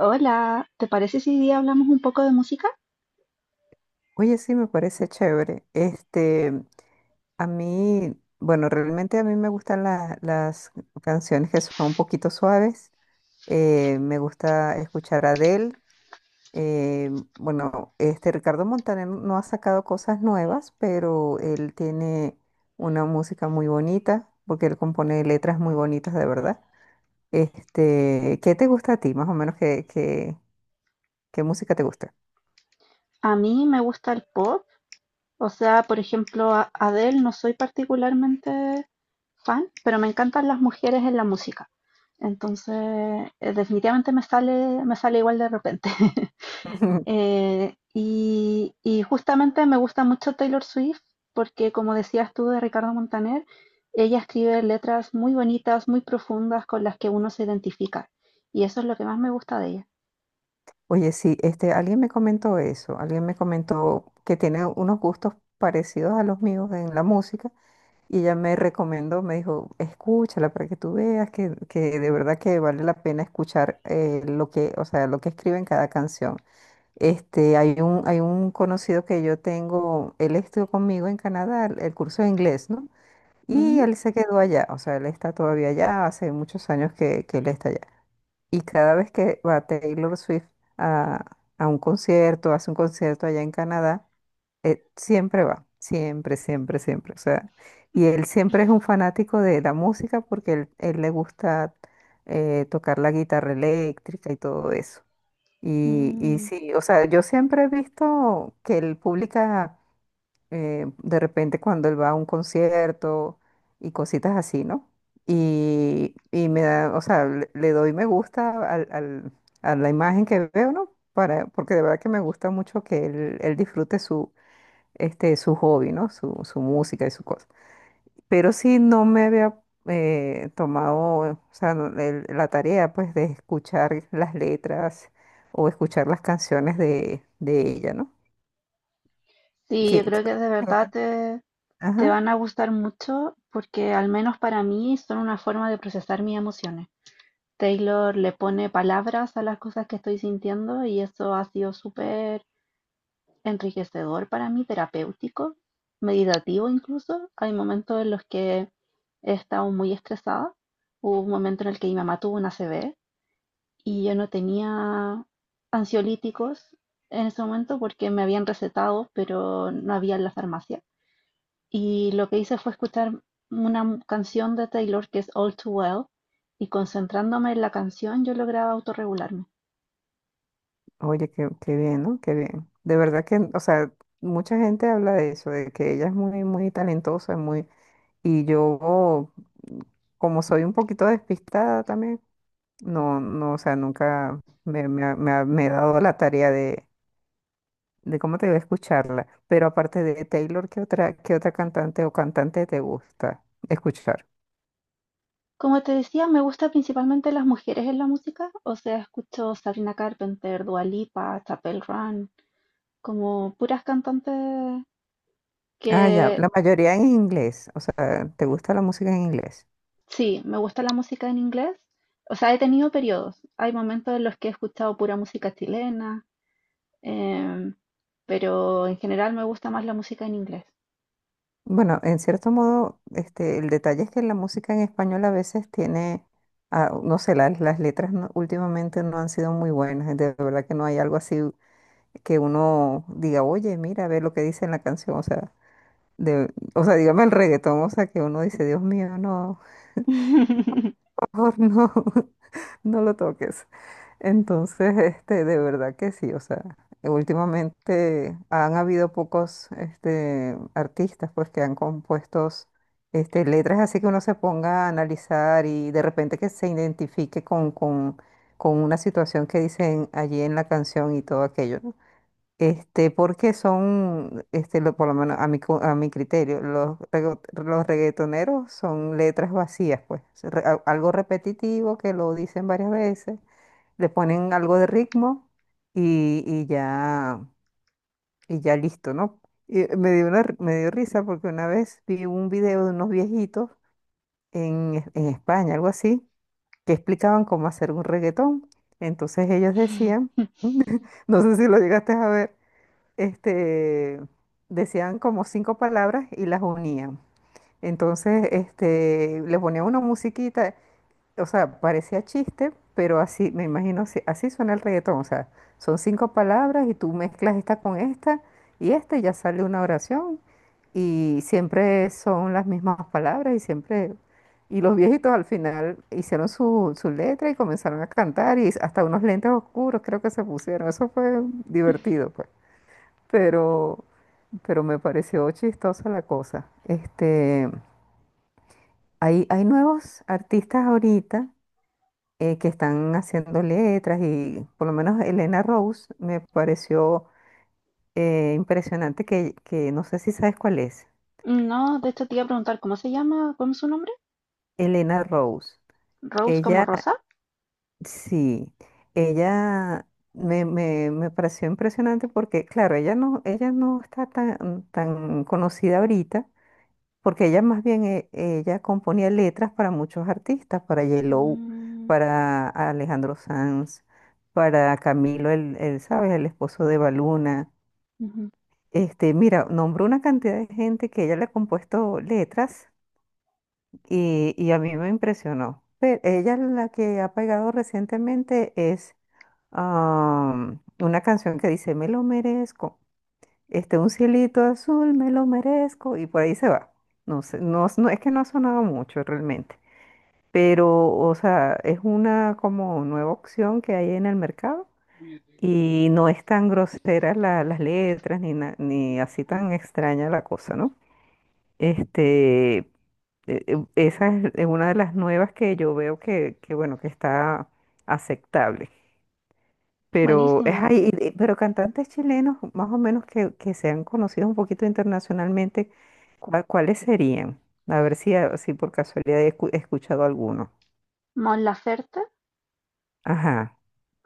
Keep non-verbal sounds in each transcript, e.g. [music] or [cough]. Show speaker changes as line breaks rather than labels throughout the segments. Hola, ¿te parece si hoy día hablamos un poco de música?
Oye, sí, me parece chévere. A mí, bueno, realmente a mí me gustan las canciones que son un poquito suaves. Me gusta escuchar a Adele. Eh, bueno, este Ricardo Montaner no ha sacado cosas nuevas, pero él tiene una música muy bonita, porque él compone letras muy bonitas, de verdad. ¿Qué te gusta a ti, más o menos? Qué música te gusta?
A mí me gusta el pop, o sea, por ejemplo, a Adele no soy particularmente fan, pero me encantan las mujeres en la música. Entonces, definitivamente me sale igual de repente. [laughs]
[laughs]
Y justamente me gusta mucho Taylor Swift porque, como decías tú de Ricardo Montaner, ella escribe letras muy bonitas, muy profundas con las que uno se identifica. Y eso es lo que más me gusta de ella.
Oye, sí, este, alguien me comentó eso, alguien me comentó que tiene unos gustos parecidos a los míos en la música y ella me recomendó, me dijo, escúchala para que tú veas que de verdad que vale la pena escuchar lo que, o sea, lo que escribe en cada canción. Este, hay un conocido que yo tengo, él estudió conmigo en Canadá el curso de inglés, ¿no? Y
Mm.
él se quedó allá, o sea, él está todavía allá, hace muchos años que él está allá. Y cada vez que va Taylor Swift a, a un concierto, hace un concierto allá en Canadá, siempre va, siempre, siempre, siempre. O sea, y él siempre es un fanático de la música porque él le gusta tocar la guitarra eléctrica y todo eso. Y
Mm.
sí, o sea, yo siempre he visto que él publica de repente cuando él va a un concierto y cositas así, ¿no? Y me da, o sea, le doy me gusta a la imagen que veo, ¿no? Para, porque de verdad que me gusta mucho que él disfrute su, este, su hobby, ¿no? Su música y su cosa. Pero sí no me había tomado, o sea, la tarea, pues, de escuchar las letras o escuchar las canciones de ella, ¿no?
Sí, yo
Que,
creo que
que-
de verdad te, te
Ajá.
van a gustar mucho porque al menos para mí son una forma de procesar mis emociones. Taylor le pone palabras a las cosas que estoy sintiendo y eso ha sido súper enriquecedor para mí, terapéutico, meditativo incluso. Hay momentos en los que he estado muy estresada. Hubo un momento en el que mi mamá tuvo una ACV y yo no tenía ansiolíticos en ese momento porque me habían recetado, pero no había en la farmacia. Y lo que hice fue escuchar una canción de Taylor que es All Too Well, y concentrándome en la canción yo lograba autorregularme.
Oye, qué, qué bien, ¿no? Qué bien. De verdad que, o sea, mucha gente habla de eso, de que ella es muy, muy talentosa, muy... Y yo, como soy un poquito despistada también, no, no, o sea, nunca me, me he dado la tarea de cómo te voy a escucharla. Pero aparte de Taylor, qué otra cantante o cantante te gusta escuchar?
Como te decía, me gusta principalmente las mujeres en la música, o sea, escucho Sabrina Carpenter, Dua Lipa, Chapel Run, como puras cantantes
Ah, ya,
que...
la mayoría en inglés, o sea, ¿te gusta la música en inglés?
Sí, me gusta la música en inglés. O sea, he tenido periodos. Hay momentos en los que he escuchado pura música chilena, em, pero en general me gusta más la música en inglés.
Bueno, en cierto modo, este, el detalle es que la música en español a veces tiene, ah, no sé, las letras no- últimamente no han sido muy buenas. De verdad que no hay algo así que uno diga, oye, mira, ve lo que dice en la canción. O sea, de, o sea, dígame el reggaetón, o sea, que uno dice, Dios mío, no,
[laughs]
[laughs] por favor, no, [laughs] no lo toques. Entonces, [laughs] este, de verdad que sí, o sea, últimamente han habido pocos, este, artistas, pues, que han compuesto, este, letras así que uno se ponga a analizar y de repente que se identifique con una situación que dicen allí en la canción y todo aquello, ¿no? Este, porque son, este, por lo menos a mi, a mi criterio, los, los reggaetoneros son letras vacías, pues, algo repetitivo que lo dicen varias veces le ponen algo de ritmo y, y ya, y ya listo, ¿no? Y me dio una, me dio risa porque una vez vi un video de unos viejitos en, en España, algo así, que explicaban cómo hacer un reggaetón. Entonces ellos decían, [laughs] no sé si lo llegaste a ver, este, decían como cinco palabras y las unían. Entonces, este, le ponían una musiquita. O sea, parecía chiste, pero así, me imagino, así, así suena el reggaetón. O sea, son cinco palabras y tú mezclas esta con esta y esta y ya sale una oración y siempre son las mismas palabras y siempre... Y los viejitos al final hicieron su, su letra y comenzaron a cantar y hasta unos lentes oscuros creo que se pusieron. Eso fue divertido, pues. Pero, pero me pareció chistosa la cosa. Este, hay nuevos artistas ahorita que están haciendo letras y por lo menos Elena Rose me pareció impresionante que no sé si sabes cuál es.
No, de hecho te iba a preguntar, ¿cómo se llama? ¿Cómo es su nombre?
Elena Rose.
¿Rose como
Ella,
Rosa?
sí, ella me, me, me pareció impresionante porque, claro, ella no está tan, tan conocida ahorita, porque ella más bien, ella componía letras para muchos artistas, para Yellow,
Mm,
para Alejandro Sanz, para Camilo, el, ¿sabes? El esposo de Baluna.
ujú.
Este, mira, nombró una cantidad de gente que ella le ha compuesto letras y a mí me impresionó. Pero ella la que ha pegado recientemente es una canción que dice, me lo merezco, este, un cielito azul, me lo merezco, y por ahí se va. No sé, no, es que no ha sonado mucho realmente, pero, o sea, es una como nueva opción que hay en el mercado. Y no es tan grosera las letras ni, ni así tan extraña la cosa, ¿no? Este, esa es una de las nuevas que yo veo que, bueno, que está aceptable. Pero es
Buenísimo.
ahí, pero cantantes chilenos más o menos que sean conocidos un poquito internacionalmente, ¿cuáles serían? A ver si, si por casualidad he escuchado alguno.
Mon Laferte.
Ajá.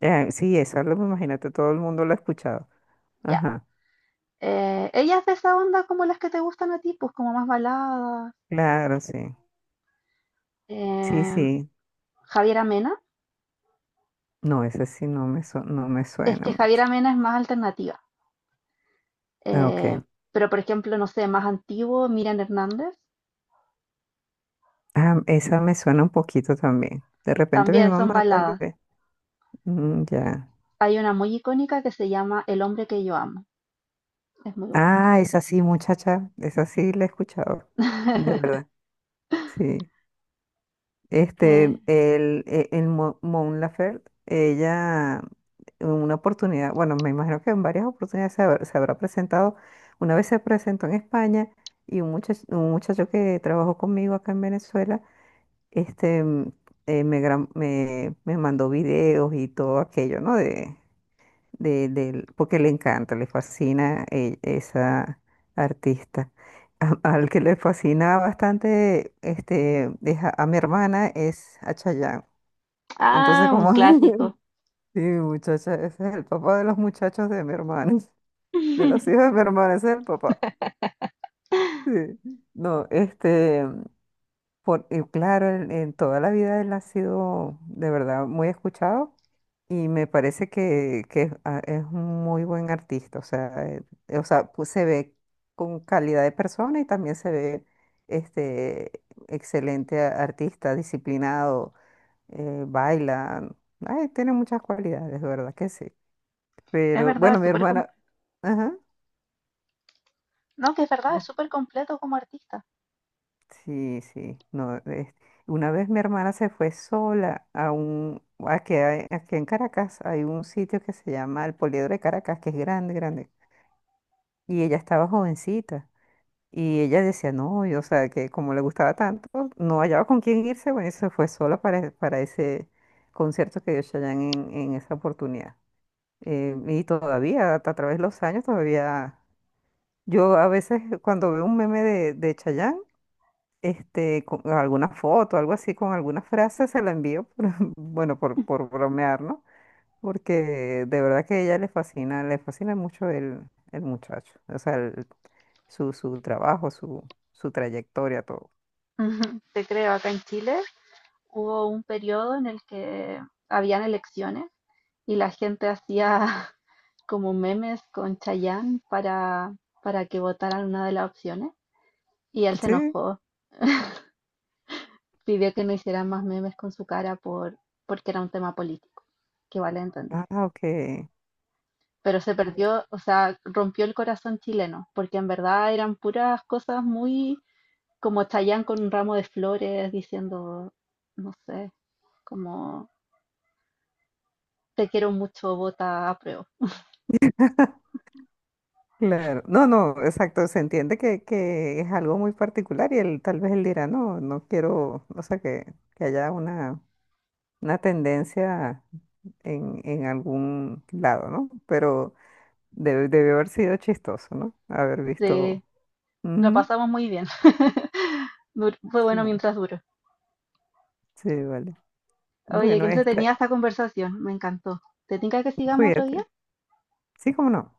Sí, eso lo imagínate, todo el mundo lo ha escuchado.
Ya.
Ajá.
Ella es de esa onda como las que te gustan a ti, pues como más baladas.
Claro, sí. Sí,
Em,
sí.
Javiera Mena.
No, ese sí no me, no me
Es
suena
que
mucho.
Javiera Mena es más alternativa.
Ah,
Eh,
ok.
pero por ejemplo, no sé, más antiguo, Miriam Hernández,
Ah, esa me suena un poquito también. De repente mi
también son
mamá, tal
baladas.
vez. Mm, ya.
Hay una muy icónica que se llama El hombre que yo amo. Es muy buena.
Ah, esa sí, muchacha. Esa sí la he escuchado. De
[laughs]
verdad. Sí. Este,
Eh,
el, e- el, Mo- Mon Laferte, ella, en una oportunidad, bueno, me imagino que en varias oportunidades se habrá presentado. Una vez se presentó en España y un muchacho que trabajó conmigo acá en Venezuela, este, me, me mandó videos y todo aquello, ¿no? De, porque le encanta, le fascina esa artista. [laughs] Al que le fascina bastante este, es a mi hermana es a Chayanne. Entonces,
ah, un
como,
clásico.
[laughs] sí, muchacha, ese es el papá de los muchachos de mi hermana, [laughs] de los hijos de
[laughs]
mi hermana, ese es el papá. Sí. No, este. Por, y claro, en toda la vida él ha sido de verdad muy escuchado y me parece que es un muy buen artista. O sea, pues, se ve con calidad de persona y también se ve este, excelente artista, disciplinado, baila. Ay, tiene muchas cualidades, de verdad que sí.
Es
Pero
verdad,
bueno,
es
mi
súper
hermana.
completo.
Ajá.
No, que es verdad, es súper completo como artista.
Sí, sí, no, una vez mi hermana se fue sola a un, aquí, aquí en Caracas hay un sitio que se llama el Poliedro de Caracas, que es grande, grande, y ella estaba jovencita, y ella decía, no, yo, o sea, que como le gustaba tanto, no hallaba con quién irse, bueno, y se fue sola para ese concierto que dio Chayanne en esa oportunidad. Y todavía, a través de los años, todavía, yo a veces cuando veo un meme de Chayanne, este, con alguna foto, algo así, con alguna frase, se la envío, [laughs] bueno, por bromear, ¿no? Porque de verdad que a ella le fascina mucho el muchacho, o sea, su, su trabajo, su trayectoria, todo.
Ujú. Te creo, acá en Chile hubo un periodo en el que habían elecciones y la gente hacía [laughs] como memes con Chayanne para que votaran una de las opciones y él se
Sí,
enojó, pidió que no hicieran más memes con su cara por, porque era un tema político, que vale entendí.
ah, ok.
Pero se perdió, o sea, rompió el corazón chileno, porque en verdad eran puras cosas muy como Chayanne con un ramo de flores diciendo, no sé, como te quiero mucho, vota a...
[laughs] Claro, no, no, exacto, se entiende que es algo muy particular y él tal vez él dirá, no, no quiero, o sea, que haya una tendencia en algún lado, ¿no? Pero debió haber sido chistoso, ¿no? Haber visto.
Sí, lo
Ujú,
pasamos muy bien. [laughs] Fue
sí,
bueno mientras duró.
sí, vale.
Oye,
Bueno,
qué
esta,
entretenida esta conversación, me encantó. ¿Te tinca que sigamos otro día?
cuídate. Sí, cómo no.